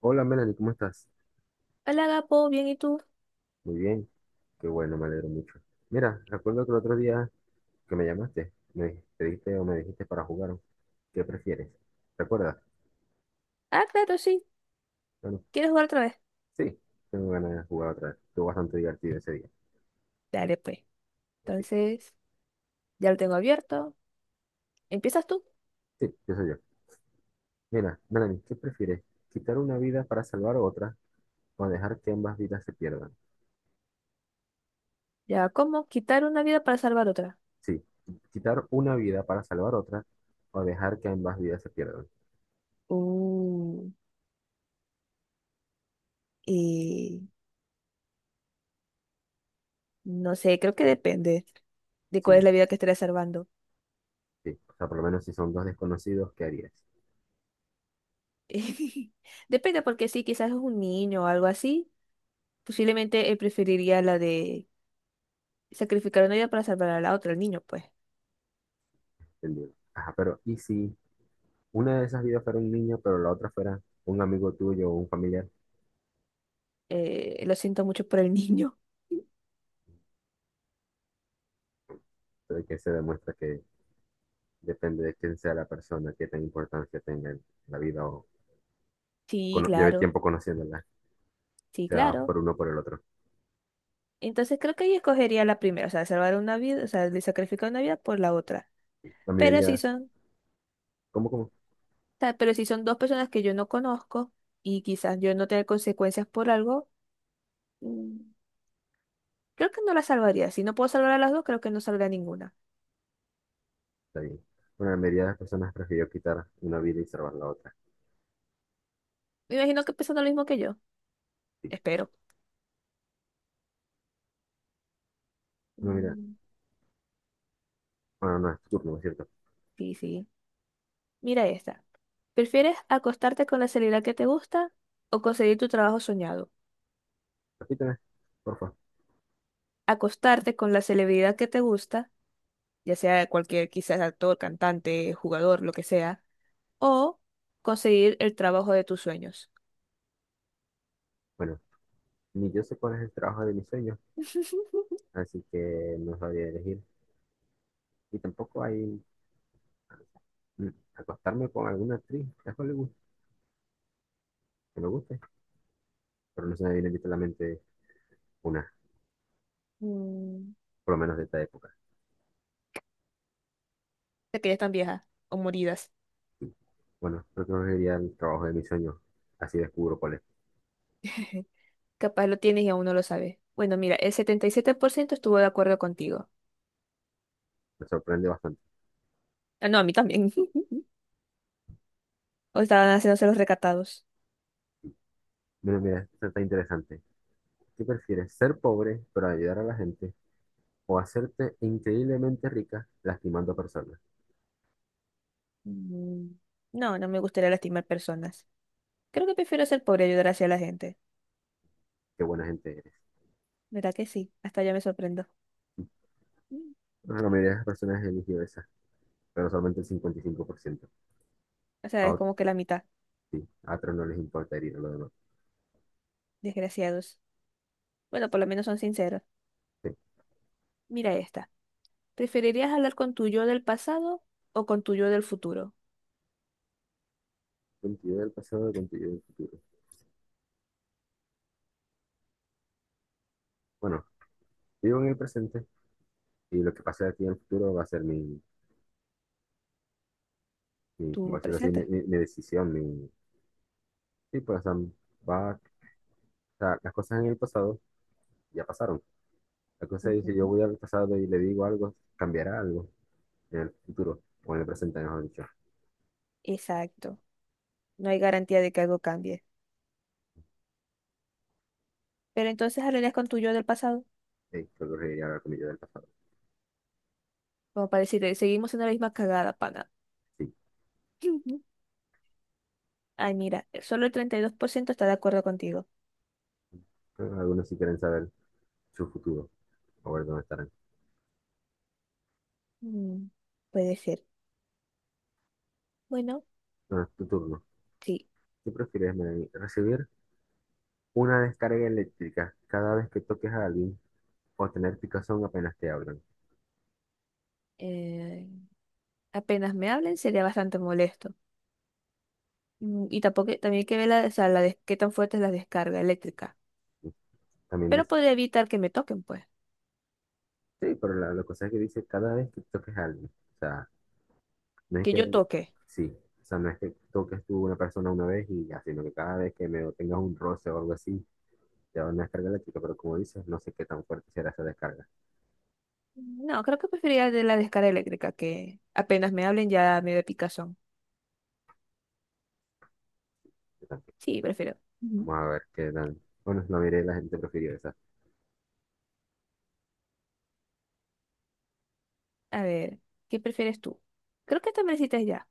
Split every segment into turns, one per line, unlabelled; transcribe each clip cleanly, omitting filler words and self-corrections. Hola, Melanie, ¿cómo estás?
Hola, Gapo, bien, ¿y tú?
Muy bien, qué bueno, me alegro mucho. Mira, recuerdo que el otro día que me llamaste, pediste o me dijiste para jugar, ¿qué prefieres? ¿Recuerdas?
Ah, claro, sí.
Bueno,
¿Quieres jugar otra vez?
sí, tengo ganas de jugar otra vez. Estuvo bastante divertido ese día.
Dale, pues.
Ok.
Entonces, ya lo tengo abierto. ¿Empiezas tú?
Sí, yo soy yo. Mira, Melanie, ¿qué prefieres? ¿Quitar una vida para salvar otra o dejar que ambas vidas se pierdan?
Ya, ¿cómo? Quitar una vida para salvar otra.
Sí, quitar una vida para salvar otra o dejar que ambas vidas se pierdan.
Uh, eh, no sé, creo que depende de cuál es
Sí,
la vida que estaré salvando.
sí. O sea, por lo menos si son dos desconocidos, ¿qué harías?
Depende, porque sí, quizás es un niño o algo así. Posiblemente él preferiría la de sacrificar una vida para salvar a la otra, el niño, pues.
Entendido. Ajá, pero ¿y si una de esas vidas fuera un niño, pero la otra fuera un amigo tuyo o un familiar,
Lo siento mucho por el niño.
pero que se demuestra que depende de quién sea la persona, qué tan importancia tenga en la vida o
Sí,
lleve
claro,
tiempo conociéndola,
sí,
sea
claro.
por uno o por el otro?
Entonces creo que ella escogería la primera, o sea, salvar una vida, o sea, de sacrificar una vida por la otra.
La
Pero si
mayoría,
son, o
¿cómo, cómo?
sea, pero si son dos personas que yo no conozco y quizás yo no tenga consecuencias por algo, mm, creo que no la salvaría. Si no puedo salvar a las dos, creo que no salvaré a ninguna.
Está bien. Bueno, la mayoría de las personas prefirió quitar una vida y salvar la otra.
Me imagino que piensan lo mismo que yo.
Sí.
Espero.
No, mira,
Mm.
bueno, no es tu turno, ¿no es cierto?
Sí, sí. Mira esta. ¿Prefieres acostarte con la celebridad que te gusta o conseguir tu trabajo soñado?
Repíteme, por favor.
Acostarte con la celebridad que te gusta ya sea cualquier quizás actor, cantante, jugador, lo que sea, o conseguir el trabajo de tus sueños.
Bueno, ni yo sé cuál es el trabajo de mis sueños, así que no sabría elegir. Y tampoco hay mm, acostarme con alguna actriz de Hollywood que me guste, pero no se me viene ahorita a la mente una,
Mm.
por lo menos de esta época.
De que ya están viejas o moridas.
Bueno, creo que no sería el trabajo de mis sueños, así descubro cuál es.
Capaz lo tienes y aún no lo sabes. Bueno, mira, el 77% estuvo de acuerdo contigo.
Me sorprende bastante.
Ah, no, a mí también. O estaban haciéndose los recatados.
Mira, mira, esto está interesante. ¿Qué prefieres, ser pobre pero ayudar a la gente o hacerte increíblemente rica lastimando personas?
Mm. No, no me gustaría lastimar personas. Creo que prefiero ser pobre y ayudar hacia la gente.
Qué buena gente eres.
¿Verdad que sí? Hasta ya me sorprendo. Mm.
Bueno, la mayoría de las personas eligió esa, pero solamente el 55%.
O sea,
A
es
ot-
como que la mitad.
sí, a otros no les importa herir a los demás.
Desgraciados. Bueno, por lo menos son sinceros.
Sí,
Mira esta. ¿Preferirías hablar con tu yo del pasado o con tu yo del futuro?
contenido del pasado, contenido del futuro. Bueno, vivo en el presente y lo que pase de aquí en el futuro va a ser mi, como
Tú
decirlo así,
presentas.
mi decisión, mi, sí, pues, o sea, va, o sea, las cosas en el pasado ya pasaron. La cosa es, si yo
Ujú.
voy al pasado y le digo algo, cambiará algo en el futuro, o en el presente, mejor dicho.
Exacto. No hay garantía de que algo cambie. Pero entonces hablarías con tu yo del pasado.
Creo que reiría hablar con mi yo del pasado.
Como para decirle, seguimos en la misma cagada, pana.
Sí.
Ay, mira, solo el 32% está de acuerdo contigo.
Pero algunos sí quieren saber su futuro, o ver dónde estarán.
Mm, puede ser. Bueno,
Bueno, tu turno.
sí.
¿Qué prefieres, Melanie? ¿Recibir una descarga eléctrica cada vez que toques a alguien, o tener picazón apenas te hablan?
eh, Apenas me hablen sería bastante molesto. Y tampoco, también hay que ver la, o sea, qué tan fuerte es la descarga eléctrica.
También
Pero
dice,
podría evitar que me toquen, pues.
sí, pero la cosa es que dice cada vez que toques a alguien. O sea, no es
Que
que,
yo toque.
sí, o sea, no es que toques tú una persona una vez y ya, sino que cada vez que me tengas un roce o algo así, te van a descargar la chica, pero como dices, no sé qué tan fuerte será esa descarga.
No, creo que preferiría de la descarga eléctrica, que apenas me hablen ya me da picazón.
Yo tampoco.
Sí, prefiero. Ujú.
Vamos a ver qué tan, bueno, la mayoría de la gente prefirió esa.
A ver, ¿qué prefieres tú? Creo que esta me la hiciste ya.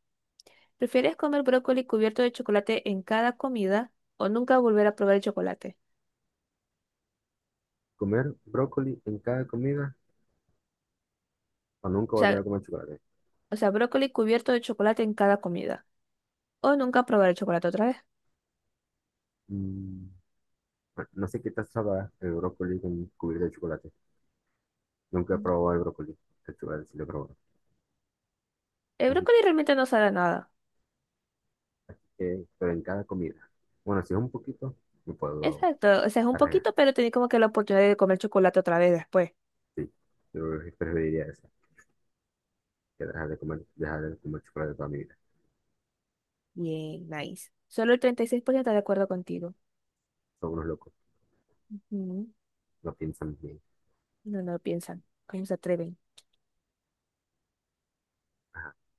¿Prefieres comer brócoli cubierto de chocolate en cada comida o nunca volver a probar el chocolate?
Comer brócoli en cada comida o nunca
O
volver
sea,
a comer chocolate.
o sea, brócoli cubierto de chocolate en cada comida o nunca probar el chocolate otra vez.
Mm, bueno, no sé qué tal sabrá el brócoli con cubierta de chocolate. Nunca he
Ujú.
probado el brócoli, el chocolate sí lo he probado.
El
Así
brócoli realmente no sabe a nada.
que, pero en cada comida. Bueno, si es un poquito, me puedo
Exacto, o sea, es un
arreglar.
poquito, pero tenés como que la oportunidad de comer chocolate otra vez después.
Sí, yo preferiría eso, que dejar de comer chocolate toda mi vida.
Bien, nice. Solo el 36% está de acuerdo contigo.
Son unos locos,
Ujú.
no piensan bien.
No, no lo piensan. ¿Cómo se atreven?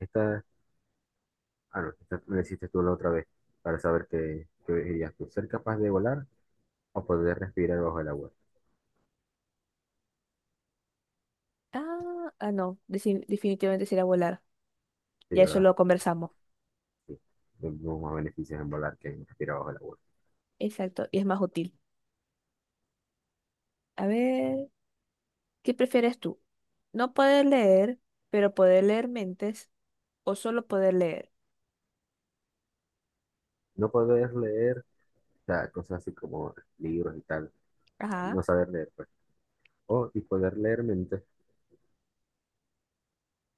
Esta, ah, no, esta me la hiciste tú la otra vez, para saber qué, qué elegirías tú, ser capaz de volar o poder respirar bajo el agua.
Ah, ah, no. Definitivamente será volar.
Sí,
Ya eso
¿verdad?
lo conversamos.
Sí, tenemos más beneficios en volar que en respirar bajo el agua.
Exacto. Y es más útil. A ver, ¿qué prefieres tú? ¿No poder leer, pero poder leer mentes o solo poder leer?
No poder leer, o sea, cosas así como libros y tal,
Ajá,
no saber leer, pues. O, y poder leer mentes,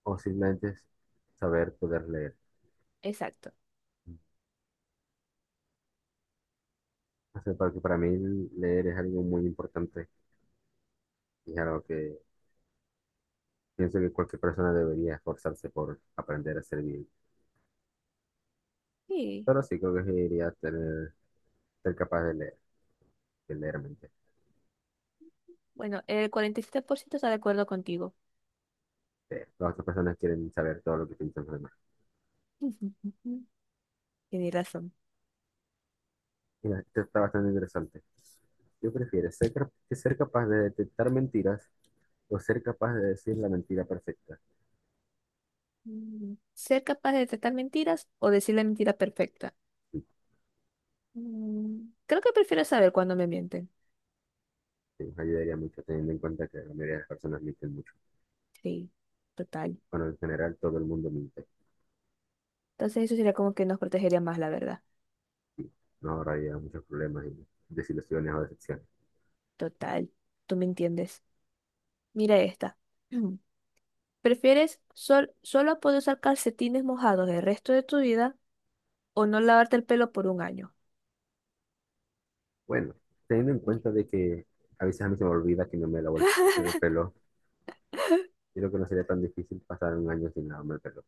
o simplemente saber poder leer.
exacto.
O sea, porque para mí leer es algo muy importante. Claro que pienso que cualquier persona debería esforzarse por aprender a ser bien,
Sí.
pero sí creo que sí debería tener, ser capaz de leer mente.
Bueno, el 47% está de acuerdo contigo.
Las otras personas quieren saber todo lo que piensan los demás.
Tienes razón.
Mira, esto está bastante interesante. Yo prefiero que ser capaz de detectar mentiras o ser capaz de decir la mentira perfecta.
Mm, ¿ser capaz de detectar mentiras o decir la mentira perfecta?
Sí,
Mm, creo que prefiero saber cuándo me mienten.
sí, nos ayudaría mucho teniendo en cuenta que la mayoría de las personas mienten mucho.
Sí, total.
Bueno, en general todo el mundo miente.
Entonces eso sería como que nos protegería más, la verdad.
Nos ahorraría muchos problemas y desilusiones o decepciones.
Total, tú me entiendes. Mira esta. ¿Prefieres solo poder usar calcetines mojados el resto de tu vida o no lavarte el pelo por 1 año?
Bueno, teniendo en cuenta de que a veces a mí se me olvida que no me lavo el pelo, yo creo que no sería tan difícil pasar un año sin lavarme el pelo.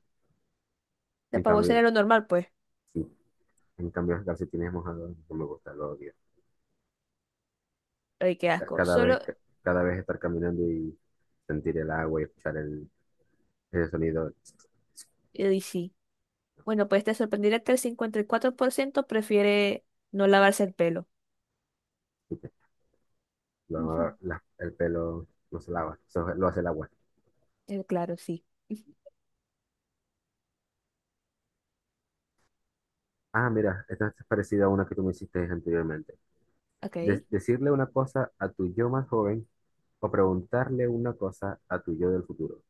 La
En
pavo
cambio,
sería lo normal, pues.
sí, en cambio los calcetines mojados no me gusta, lo odio.
Ay, qué
Ca-
asco.
Cada
Solo,
vez, ca- cada vez estar caminando y sentir el agua y ese sonido,
y sí. Bueno, pues te sorprenderá que el 54% prefiere no lavarse el pelo. Ujú.
el pelo no se lava, eso lo hace el agua.
Claro, sí. Ujú.
Ah, mira, esta es parecida a una que tú me hiciste anteriormente.
Ok.
Decirle una cosa a tu yo más joven o preguntarle una cosa a tu yo del futuro.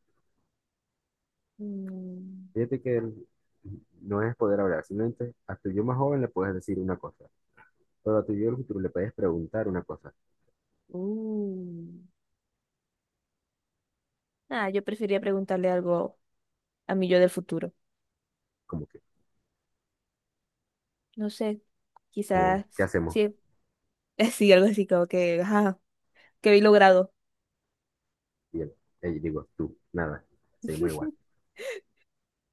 Mm,
Fíjate que el- no es poder hablar, simplemente a tu yo más joven le puedes decir una cosa, pero a tu yo del futuro le puedes preguntar una cosa,
uh. Ah, yo preferiría preguntarle algo a mi yo del futuro.
como que,
No sé,
como, ¿qué
quizás
hacemos?
sí, sí, algo así como que, ajá, que habéis logrado.
Y él, digo, tú, nada, seguimos igual.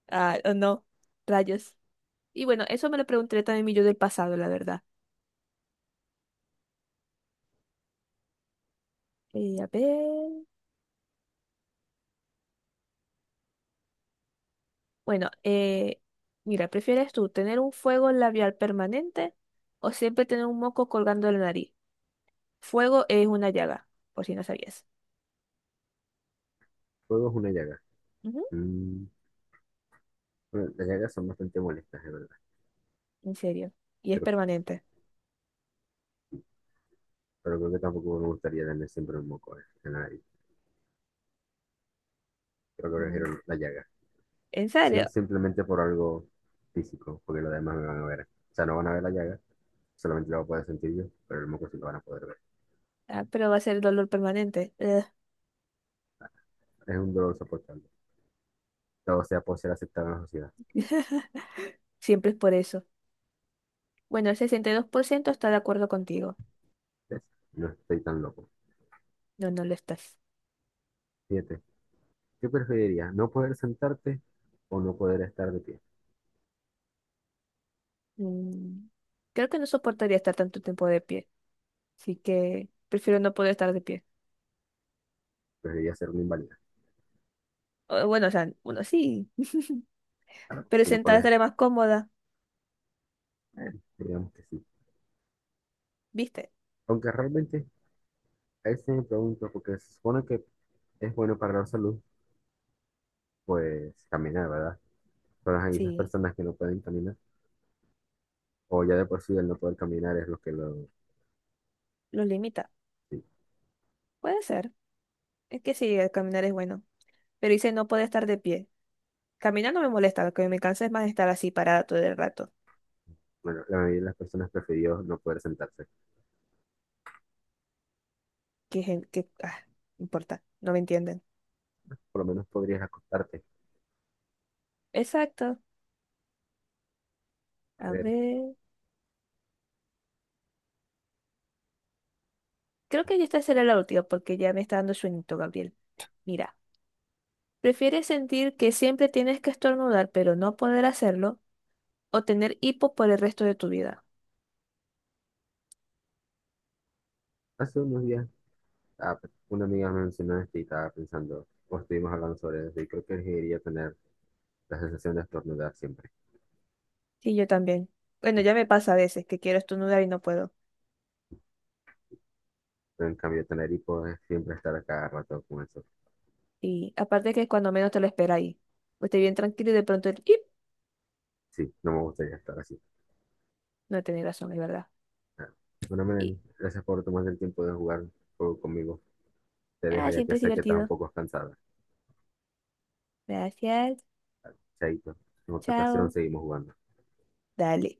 Ah, o no, rayos. Y bueno, eso me lo pregunté también mi yo del pasado, la verdad. A ver. Bueno, eh, Mira, ¿prefieres tú tener un fuego labial permanente o siempre tener un moco colgando de la nariz? Fuego es una llaga, por si no sabías.
Fuego es una llaga.
Ujú.
Mm, bueno, las llagas son bastante molestas, de verdad,
En serio. Y es
pero,
permanente.
pero creo que tampoco me gustaría tener siempre un moco en la nariz. Creo que
Mm,
prefiero la llaga,
¿en serio?
Simplemente por algo físico, porque los demás me van a ver. O sea, no van a ver la llaga, solamente la voy a poder sentir yo, pero el moco sí lo van a poder ver.
Ah, pero va a ser dolor permanente. Ugh.
Es un dolor soportable. Todo sea por ser aceptado en la sociedad.
Siempre es por eso. Bueno, el 62% está de acuerdo contigo.
¿Ves? No estoy tan loco.
No, no lo estás.
Siete. ¿Qué preferirías? ¿No poder sentarte o no poder estar de pie?
Mm, creo que no soportaría estar tanto tiempo de pie. Así que prefiero no poder estar de pie.
Preferiría ser un inválido.
O, bueno, o sea, uno sí,
Porque
pero
si no
sentada
puedes,
estaré más cómoda,
digamos que sí.
¿viste?
Aunque realmente, ahí sí me pregunto, porque se supone que es bueno para la salud, pues caminar, ¿verdad? Pero hay esas
Sí,
personas que no pueden caminar, o ya de por sí el no poder caminar es lo que lo...
lo limita.
sí.
Puede ser. Es que sí, el caminar es bueno. Pero dice no poder estar de pie. Caminar no me molesta, lo que me cansa es más estar así parada todo el rato.
Bueno, la mayoría de las personas prefirió no poder sentarse.
Que, que, ah, no importa, no me entienden.
Por lo menos podrías acostarte.
Exacto.
A
A
ver,
ver. Creo que esta será la última porque ya me está dando sueñito, Gabriel. Mira, ¿prefieres sentir que siempre tienes que estornudar pero no poder hacerlo o tener hipo por el resto de tu vida?
hace unos días, ah, pues, una amiga me mencionó esto y estaba pensando, pues estuvimos hablando sobre eso y creo que elegiría tener la sensación de estornudar siempre.
Sí, yo también. Bueno, ya me pasa a veces que quiero estornudar y no puedo.
Pero en cambio, tener hipo es siempre estar a cada rato con eso.
Y aparte que cuando menos te lo espera ahí. Pues estoy bien tranquilo y de pronto el ¡ip!
Sí, no me gustaría estar así.
No tenés razón, es verdad.
Ah. Bueno,
Y,
Melanie, gracias por tomarte el tiempo de jugar un juego conmigo. Te dejo
ah,
ya que
siempre es
sé que estás un
divertido.
poco cansada.
Gracias.
Chaito, en otra ocasión
Chao.
seguimos jugando.
Dale.